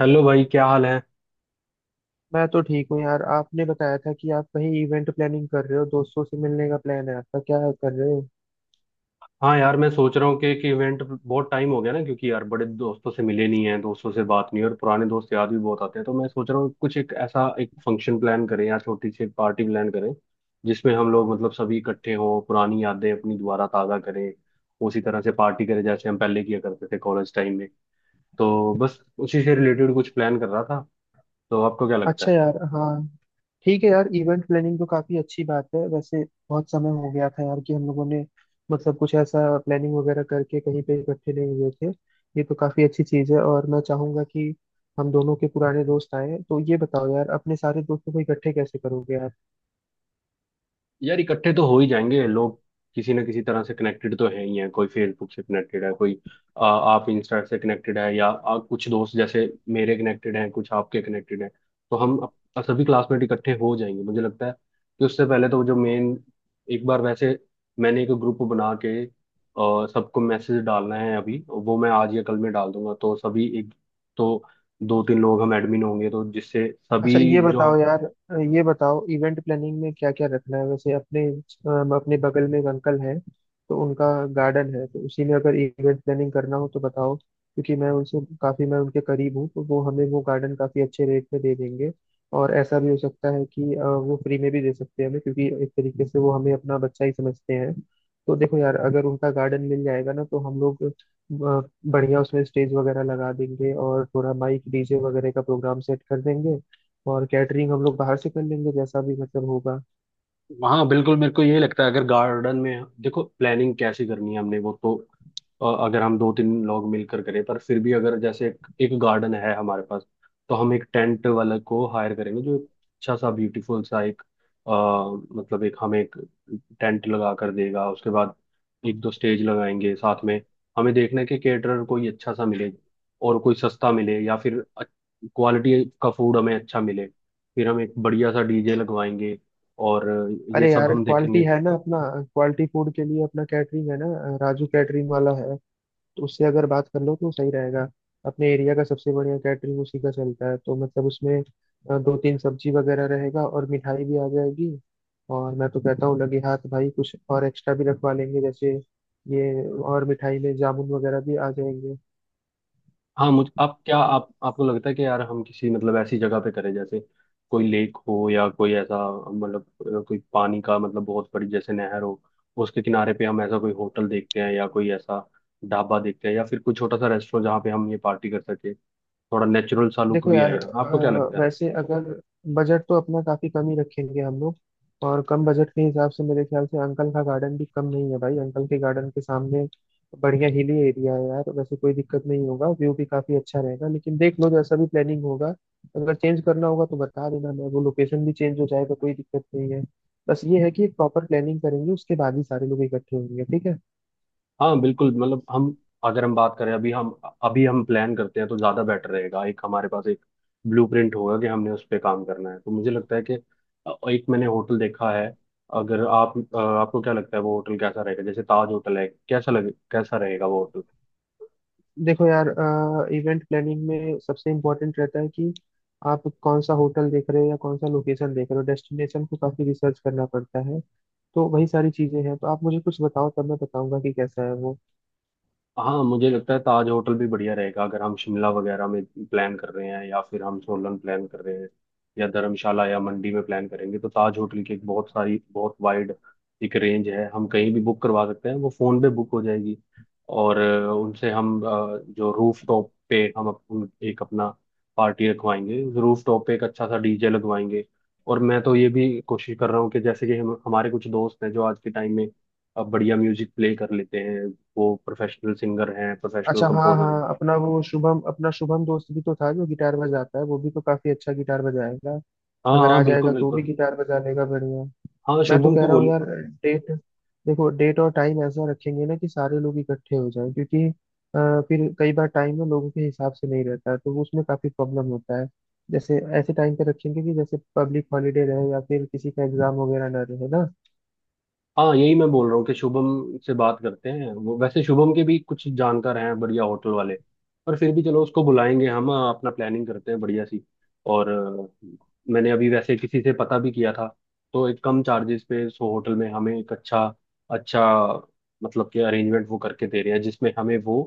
Hello भाई, क्या हाल है। मैं तो ठीक हूँ यार। आपने बताया था कि आप कहीं इवेंट प्लानिंग कर रहे हो, दोस्तों से मिलने का प्लान है आपका, क्या कर रहे हो? हाँ यार, मैं सोच रहा हूँ कि इवेंट बहुत टाइम हो गया ना, क्योंकि यार बड़े दोस्तों से मिले नहीं हैं, दोस्तों से बात नहीं है और पुराने दोस्त याद भी बहुत आते हैं। तो मैं सोच रहा हूँ कुछ एक ऐसा एक फंक्शन प्लान करें या छोटी सी एक पार्टी प्लान करें, जिसमें हम लोग मतलब सभी इकट्ठे हों, पुरानी यादें अपनी दोबारा ताज़ा करें। उसी तरह से पार्टी करें जैसे हम पहले किया करते थे कॉलेज टाइम में। तो बस उसी से रिलेटेड कुछ प्लान कर रहा था। तो आपको क्या लगता है? अच्छा यार, हाँ, ठीक है यार। इवेंट प्लानिंग तो काफी अच्छी बात है वैसे। बहुत समय हो गया था यार कि हम लोगों ने मतलब कुछ ऐसा प्लानिंग वगैरह करके कहीं पे इकट्ठे नहीं हुए थे। ये तो काफी अच्छी चीज है और मैं चाहूंगा कि हम दोनों के पुराने दोस्त आए। तो ये बताओ यार, अपने सारे दोस्तों को इकट्ठे कैसे करोगे आप? यार, इकट्ठे तो हो ही जाएंगे लोग। किसी ना किसी तरह से कनेक्टेड तो है ही है, कोई फेसबुक से कनेक्टेड है, कोई आप इंस्टा से कनेक्टेड है, या कुछ दोस्त जैसे मेरे कनेक्टेड हैं, कुछ आपके कनेक्टेड हैं। तो हम सभी क्लासमेट इकट्ठे हो जाएंगे। मुझे लगता है कि उससे पहले तो जो मेन, एक बार वैसे मैंने एक ग्रुप बना के सबको मैसेज डालना है, अभी वो मैं आज या कल में डाल दूंगा, तो सभी एक, तो दो तीन लोग हम एडमिन होंगे तो जिससे सभी अच्छा ये जो। बताओ यार, ये बताओ इवेंट प्लानिंग में क्या क्या रखना है वैसे। अपने अपने बगल में एक अंकल हैं तो उनका गार्डन है। तो उसी में अगर इवेंट प्लानिंग करना हो तो बताओ, क्योंकि मैं उनसे काफ़ी मैं उनके करीब हूँ, तो वो हमें वो गार्डन काफ़ी अच्छे रेट में दे देंगे। और ऐसा भी हो सकता है कि वो फ्री में भी दे सकते हैं हमें, क्योंकि एक तरीके से वो हमें अपना बच्चा ही समझते हैं। तो देखो यार, अगर उनका गार्डन मिल जाएगा ना, तो हम लोग बढ़िया उसमें स्टेज वगैरह लगा देंगे और थोड़ा माइक डीजे वगैरह का प्रोग्राम सेट कर देंगे। और कैटरिंग हम लोग बाहर से कर लेंगे जैसा भी मतलब होगा। हाँ बिल्कुल, मेरे को ये लगता है, अगर गार्डन में देखो, प्लानिंग कैसे करनी है हमने वो तो, अगर हम दो तीन लोग मिलकर करें, पर फिर भी अगर जैसे एक गार्डन है हमारे पास, तो हम एक टेंट वाले को हायर करेंगे जो अच्छा सा ब्यूटीफुल सा एक, अ, मतलब एक, हमें एक टेंट लगा कर देगा। उसके बाद एक दो स्टेज लगाएंगे साथ में। हमें देखना है कि केटरर कोई अच्छा सा मिले और कोई सस्ता मिले या फिर क्वालिटी का फूड हमें अच्छा मिले। फिर हम एक बढ़िया सा डीजे लगवाएंगे। और ये अरे सब यार, हम देखेंगे। क्वालिटी है ना अपना। क्वालिटी फूड के लिए अपना कैटरिंग है ना, राजू कैटरिंग वाला है। तो उससे अगर बात कर लो तो सही रहेगा। अपने एरिया का सबसे बढ़िया कैटरिंग उसी का चलता है। तो मतलब उसमें दो तीन सब्जी वगैरह रहेगा और मिठाई भी आ जाएगी। और मैं तो कहता हूँ लगे हाथ भाई कुछ और एक्स्ट्रा भी रखवा लेंगे। जैसे ये, और मिठाई में जामुन वगैरह भी आ जाएंगे। हाँ, मुझे आप क्या, आप आपको लगता है कि यार हम किसी मतलब ऐसी जगह पे करें जैसे कोई लेक हो या कोई ऐसा, मतलब कोई पानी का मतलब बहुत बड़ी जैसे नहर हो, उसके किनारे पे हम ऐसा कोई होटल देखते हैं, या कोई ऐसा ढाबा देखते हैं, या फिर कोई छोटा सा रेस्टोरेंट जहाँ पे हम ये पार्टी कर सके। थोड़ा नेचुरल सा लुक देखो भी यार, आएगा। आपको क्या लगता है? वैसे अगर बजट तो अपना काफी कम ही रखेंगे हम लोग। और कम बजट के हिसाब से मेरे ख्याल से अंकल का गार्डन भी कम नहीं है भाई। अंकल के गार्डन के सामने बढ़िया हिली एरिया है यार, वैसे कोई दिक्कत नहीं होगा, व्यू भी काफी अच्छा रहेगा। लेकिन देख लो जैसा भी प्लानिंग होगा, अगर चेंज करना होगा तो बता देना, मैं वो लोकेशन भी चेंज हो जाएगा, कोई दिक्कत नहीं है। बस ये है कि एक प्रॉपर प्लानिंग करेंगे, उसके बाद ही सारे लोग इकट्ठे होंगे, ठीक है। हाँ बिल्कुल, मतलब हम, अगर हम बात करें अभी हम प्लान करते हैं तो ज़्यादा बेटर रहेगा। एक हमारे पास एक ब्लूप्रिंट होगा कि हमने उस पे काम करना है। तो मुझे लगता है कि एक मैंने होटल देखा है। अगर आप, आपको क्या लगता है वो होटल कैसा रहेगा, जैसे ताज होटल है, कैसा लगे, कैसा रहेगा वो होटल? देखो यार, इवेंट प्लानिंग में सबसे इम्पोर्टेंट रहता है कि आप कौन सा होटल देख रहे हो या कौन सा लोकेशन देख रहे हो। डेस्टिनेशन को काफी रिसर्च करना पड़ता है। तो वही सारी चीजें हैं, तो आप मुझे कुछ बताओ, तब मैं बताऊंगा कि कैसा है वो। हाँ, मुझे लगता है ताज होटल भी बढ़िया रहेगा, अगर हम शिमला वगैरह में प्लान कर रहे हैं या फिर हम सोलन प्लान कर रहे हैं, या धर्मशाला या मंडी में प्लान करेंगे, तो ताज होटल की एक बहुत सारी बहुत वाइड एक रेंज है, हम कहीं भी बुक करवा सकते हैं, वो फ़ोन पे बुक हो जाएगी। और उनसे हम जो रूफ टॉप पे हम एक अपना पार्टी रखवाएंगे, रूफ टॉप पे एक अच्छा सा डीजे लगवाएंगे। और मैं तो ये भी कोशिश कर रहा हूँ कि जैसे कि हम, हमारे कुछ दोस्त हैं जो आज के टाइम में अब बढ़िया म्यूजिक प्ले कर लेते हैं, वो प्रोफेशनल सिंगर हैं, प्रोफेशनल अच्छा, हाँ कंपोजर हैं। हाँ, अपना वो शुभम, अपना शुभम दोस्त भी तो था जो गिटार बजाता है, वो भी तो काफी अच्छा गिटार बजाएगा। हाँ अगर आ हाँ, बिल्कुल जाएगा तो भी बिल्कुल। गिटार बजा लेगा बढ़िया। हाँ, मैं तो शुभम कह को रहा हूँ बोल। यार, डेट, देखो डेट और टाइम ऐसा रखेंगे ना कि सारे लोग इकट्ठे हो जाएं। क्योंकि फिर कई बार टाइम ना लोगों के हिसाब से नहीं रहता है, तो वो उसमें काफी प्रॉब्लम होता है। जैसे ऐसे टाइम पे रखेंगे कि जैसे पब्लिक हॉलीडे रहे या फिर किसी का एग्जाम वगैरह ना रहे ना। हाँ, यही मैं बोल रहा हूँ कि शुभम से बात करते हैं, वो वैसे शुभम के भी कुछ जानकार हैं बढ़िया होटल वाले। पर फिर भी चलो उसको बुलाएंगे। हम अपना प्लानिंग करते हैं बढ़िया सी। और मैंने अभी वैसे किसी से पता भी किया था। तो एक कम चार्जेस पे सो होटल में हमें एक अच्छा, अच्छा, मतलब कि अरेंजमेंट वो करके दे रहे हैं, जिसमें हमें वो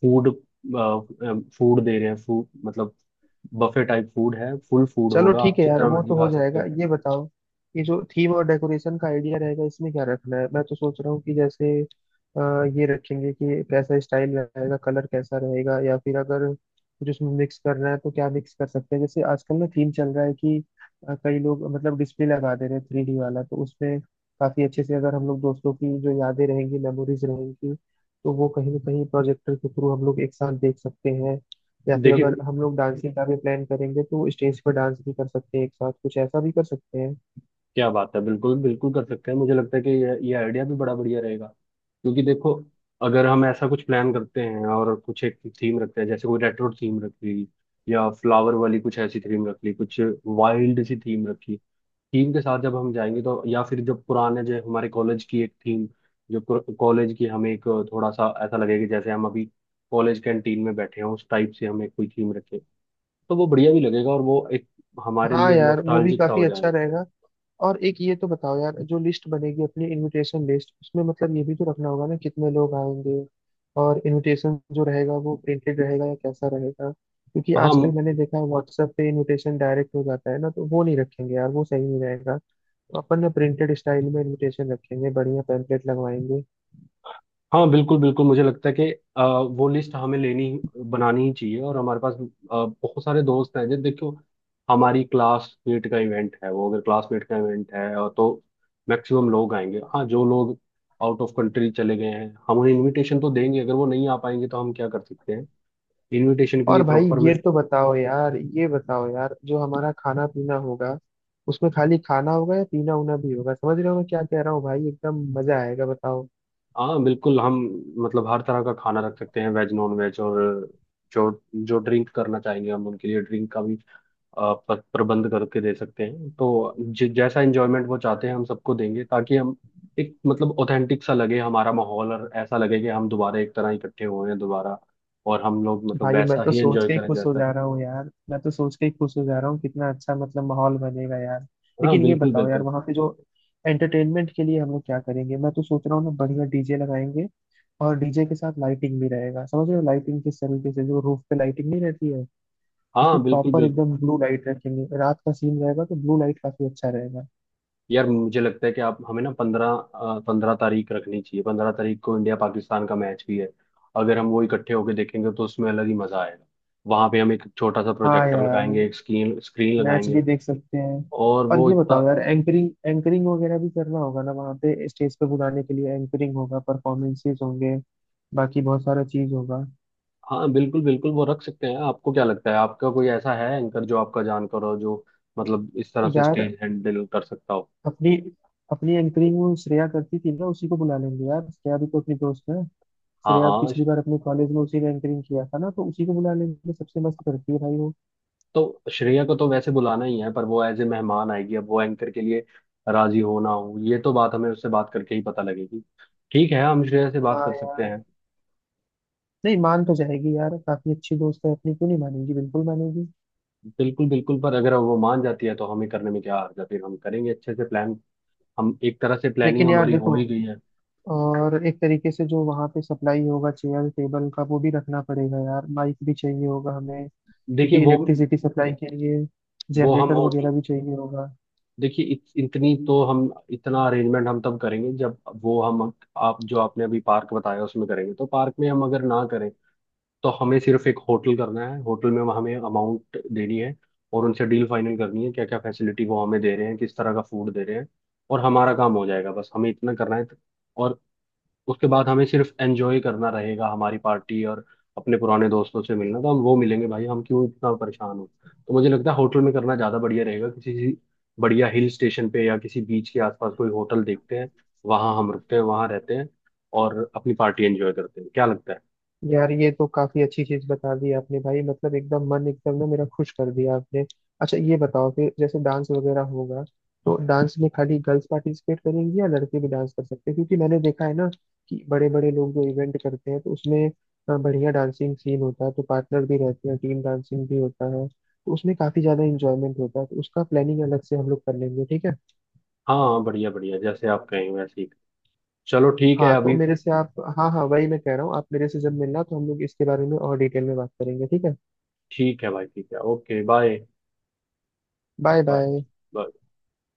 फूड, दे रहे हैं। फूड मतलब बफे टाइप फूड है, फुल फूड चलो होगा, आप ठीक है यार, जितना वो मर्जी तो खा हो सकते जाएगा। हैं। ये बताओ, ये जो थीम और डेकोरेशन का आइडिया रहेगा, इसमें क्या रखना है? मैं तो सोच रहा हूँ कि जैसे ये रखेंगे कि कैसा स्टाइल रहेगा, कलर कैसा रहेगा, या फिर अगर कुछ उसमें मिक्स करना है तो क्या मिक्स कर सकते हैं। जैसे आजकल ना थीम चल रहा है कि कई लोग मतलब डिस्प्ले लगा दे रहे हैं थ्री डी वाला। तो उसमें काफी अच्छे से अगर हम लोग दोस्तों की जो यादें रहेंगी मेमोरीज रहेंगी, तो वो कहीं ना कहीं प्रोजेक्टर के थ्रू हम लोग एक साथ देख सकते हैं। या फिर देखिए, अगर हम लोग डांसिंग का भी प्लान करेंगे तो स्टेज पर डांस भी कर सकते हैं एक साथ, कुछ ऐसा भी कर सकते हैं। क्या बात है, बिल्कुल बिल्कुल कर सकते हैं। मुझे लगता है कि ये आइडिया भी बड़ा बढ़िया रहेगा, क्योंकि देखो, अगर हम ऐसा कुछ प्लान करते हैं और कुछ एक थीम रखते हैं, जैसे कोई रेट्रो थीम रख ली, या फ्लावर वाली कुछ ऐसी थीम रख ली, कुछ वाइल्ड सी थीम रखी, थीम के साथ जब हम जाएंगे तो, या फिर जब पुराने जो हमारे कॉलेज की एक थीम जो, कॉलेज की हमें एक, थोड़ा सा ऐसा लगेगा जैसे हम अभी कॉलेज कैंटीन में बैठे हैं। उस टाइप से हमें कोई थीम रखें, तो वो बढ़िया भी लगेगा, और वो एक हमारे हाँ लिए यार, वो भी नॉस्टैल्जिक सा काफी हो अच्छा जाएगा। रहेगा। और एक ये तो बताओ यार, जो लिस्ट बनेगी अपनी इनविटेशन लिस्ट, उसमें मतलब ये भी तो रखना होगा ना कितने लोग आएंगे। और इनविटेशन जो रहेगा वो प्रिंटेड रहेगा या कैसा रहेगा? क्योंकि हाँ आजकल मैंने देखा है व्हाट्सएप पे इनविटेशन डायरेक्ट हो जाता है ना, तो वो नहीं रखेंगे यार, वो सही नहीं रहेगा। तो अपन ना प्रिंटेड स्टाइल में इनविटेशन रखेंगे, बढ़िया पैम्पलेट लगवाएंगे। हाँ, बिल्कुल बिल्कुल। मुझे लगता है कि अ, वो लिस्ट हमें लेनी, बनानी ही चाहिए, और हमारे पास बहुत सारे दोस्त हैं, जब देखो हमारी क्लासमेट का इवेंट है, वो अगर क्लासमेट का इवेंट है और तो मैक्सिमम लोग आएंगे। हाँ, जो लोग आउट ऑफ कंट्री चले गए हैं, हम उन्हें इनविटेशन तो देंगे, अगर वो नहीं आ पाएंगे तो हम क्या कर सकते हैं? इनविटेशन के और लिए भाई प्रॉपर में। ये तो बताओ यार, ये बताओ यार, जो हमारा खाना पीना होगा, उसमें खाली खाना होगा या पीना उना भी होगा? समझ रहे हो मैं क्या कह रहा हूँ भाई, एकदम मजा आएगा, बताओ। हाँ बिल्कुल, हम मतलब हर तरह का खाना रख सकते हैं, वेज नॉन वेज, और जो जो ड्रिंक करना चाहेंगे हम उनके लिए ड्रिंक का भी आप प्रबंध करके दे सकते हैं। तो जैसा एंजॉयमेंट वो चाहते हैं हम सबको देंगे, ताकि हम एक, मतलब ऑथेंटिक सा लगे हमारा माहौल, और ऐसा लगे कि हम दोबारा एक तरह इकट्ठे हुए हैं दोबारा, और हम लोग मतलब भाई मैं वैसा तो ही सोच एंजॉय के ही करें खुश हो जैसा। जा रहा हूँ यार, मैं तो सोच के ही खुश हो जा रहा हूँ, कितना अच्छा मतलब माहौल बनेगा यार। हाँ लेकिन ये बिल्कुल बताओ यार, बिल्कुल। वहाँ पे जो एंटरटेनमेंट के लिए हम लोग क्या करेंगे? मैं तो सोच रहा हूँ ना, बढ़िया डीजे लगाएंगे। और डीजे के साथ लाइटिंग भी रहेगा, समझ रहे हो, लाइटिंग किस तरीके से, जो रूफ पे लाइटिंग नहीं रहती है। हाँ इसमें बिल्कुल प्रॉपर बिल्कुल। एकदम ब्लू लाइट रखेंगे, रात का सीन रहेगा तो ब्लू लाइट काफी अच्छा रहेगा। यार, मुझे लगता है कि आप हमें ना पंद्रह पंद्रह तारीख रखनी चाहिए। 15 तारीख को इंडिया पाकिस्तान का मैच भी है, अगर हम वो इकट्ठे होके देखेंगे तो उसमें अलग ही मजा आएगा। वहां पे हम एक छोटा सा हाँ प्रोजेक्टर यार, लगाएंगे, एक स्क्रीन स्क्रीन मैच लगाएंगे। भी देख सकते हैं। और और वो ये इतना। बताओ यार, एंकरिंग एंकरिंग वगैरह भी करना होगा ना, वहाँ पे स्टेज पे बुलाने के लिए एंकरिंग होगा, परफॉर्मेंसेस होंगे, बाकी बहुत सारा चीज होगा। हाँ बिल्कुल बिल्कुल, वो रख सकते हैं। आपको क्या लगता है, आपका कोई ऐसा है एंकर जो आपका जानकार हो, जो मतलब इस तरह से यार स्टेज हैंडल कर सकता हो? अपनी, अपनी एंकरिंग वो श्रेया करती थी ना, उसी को बुला लेंगे यार, श्रेया भी तो अपनी दोस्त है। हाँ श्रेया हाँ। पिछली बार अपने कॉलेज में उसी ने एंकरिंग किया था ना, तो उसी को बुला लेंगे, सबसे मस्त करती है भाई वो। तो श्रेया को तो वैसे बुलाना ही है, पर वो एज ए मेहमान आएगी, अब वो एंकर के लिए राजी हो ना हो, ये तो बात हमें उससे बात करके ही पता लगेगी। ठीक है, हम श्रेया से बात हाँ कर सकते यार, हैं। नहीं मान तो जाएगी यार, काफी अच्छी दोस्त है अपनी, क्यों नहीं मानेगी, बिल्कुल मानेगी। बिल्कुल बिल्कुल, पर अगर वो मान जाती है तो हमें करने में क्या हर्ज है? फिर हम करेंगे अच्छे से प्लान। हम एक तरह से प्लानिंग लेकिन यार हमारी हो देखो, ही गई है। और एक तरीके से जो वहाँ पे सप्लाई होगा चेयर टेबल का, वो भी रखना पड़ेगा यार, माइक भी चाहिए होगा हमें, देखिए क्योंकि वो इलेक्ट्रिसिटी सप्लाई के लिए वो हम जनरेटर होटल, वगैरह भी चाहिए होगा। देखिए इतनी तो हम, इतना अरेंजमेंट हम तब करेंगे जब, वो हम, आप जो आपने अभी पार्क बताया उसमें करेंगे। तो पार्क में हम अगर ना करें, तो हमें सिर्फ एक होटल करना है, होटल में हमें अमाउंट देनी है और उनसे डील फाइनल करनी है, क्या क्या फैसिलिटी वो हमें दे रहे हैं, किस तरह का फूड दे रहे हैं, और हमारा काम हो जाएगा। बस हमें इतना करना है, तो, और उसके बाद हमें सिर्फ एंजॉय करना रहेगा हमारी पार्टी, और अपने पुराने दोस्तों से मिलना, तो हम वो मिलेंगे। भाई, हम क्यों इतना परेशान हो? तो मुझे लगता है होटल में करना ज़्यादा बढ़िया रहेगा, किसी बढ़िया हिल स्टेशन पे या किसी बीच के आसपास कोई होटल देखते हैं, वहाँ हम रुकते हैं, वहाँ रहते हैं और अपनी पार्टी एंजॉय करते हैं। क्या लगता है? यार ये तो काफी अच्छी चीज बता दी आपने भाई, मतलब एकदम मन एकदम ना मेरा खुश कर दिया आपने। अच्छा ये बताओ कि जैसे डांस वगैरह होगा, तो डांस में खाली गर्ल्स पार्टिसिपेट करेंगी या लड़के भी डांस कर सकते हैं? क्योंकि मैंने देखा है ना कि बड़े बड़े लोग जो इवेंट करते हैं तो उसमें बढ़िया डांसिंग सीन होता है, तो पार्टनर भी रहते हैं, टीम डांसिंग भी होता है, तो उसमें काफी ज्यादा इंजॉयमेंट होता है, तो उसका प्लानिंग अलग से हम लोग कर लेंगे, ठीक है। हाँ बढ़िया बढ़िया, जैसे आप कहें वैसे ही। चलो ठीक है हाँ तो अभी। मेरे से आप, हाँ हाँ, वही मैं कह रहा हूँ, आप मेरे से जब मिलना तो हम लोग इसके बारे में और डिटेल में बात करेंगे, ठीक है। ठीक है भाई, ठीक है, okay, bye. Bye bye. Bye.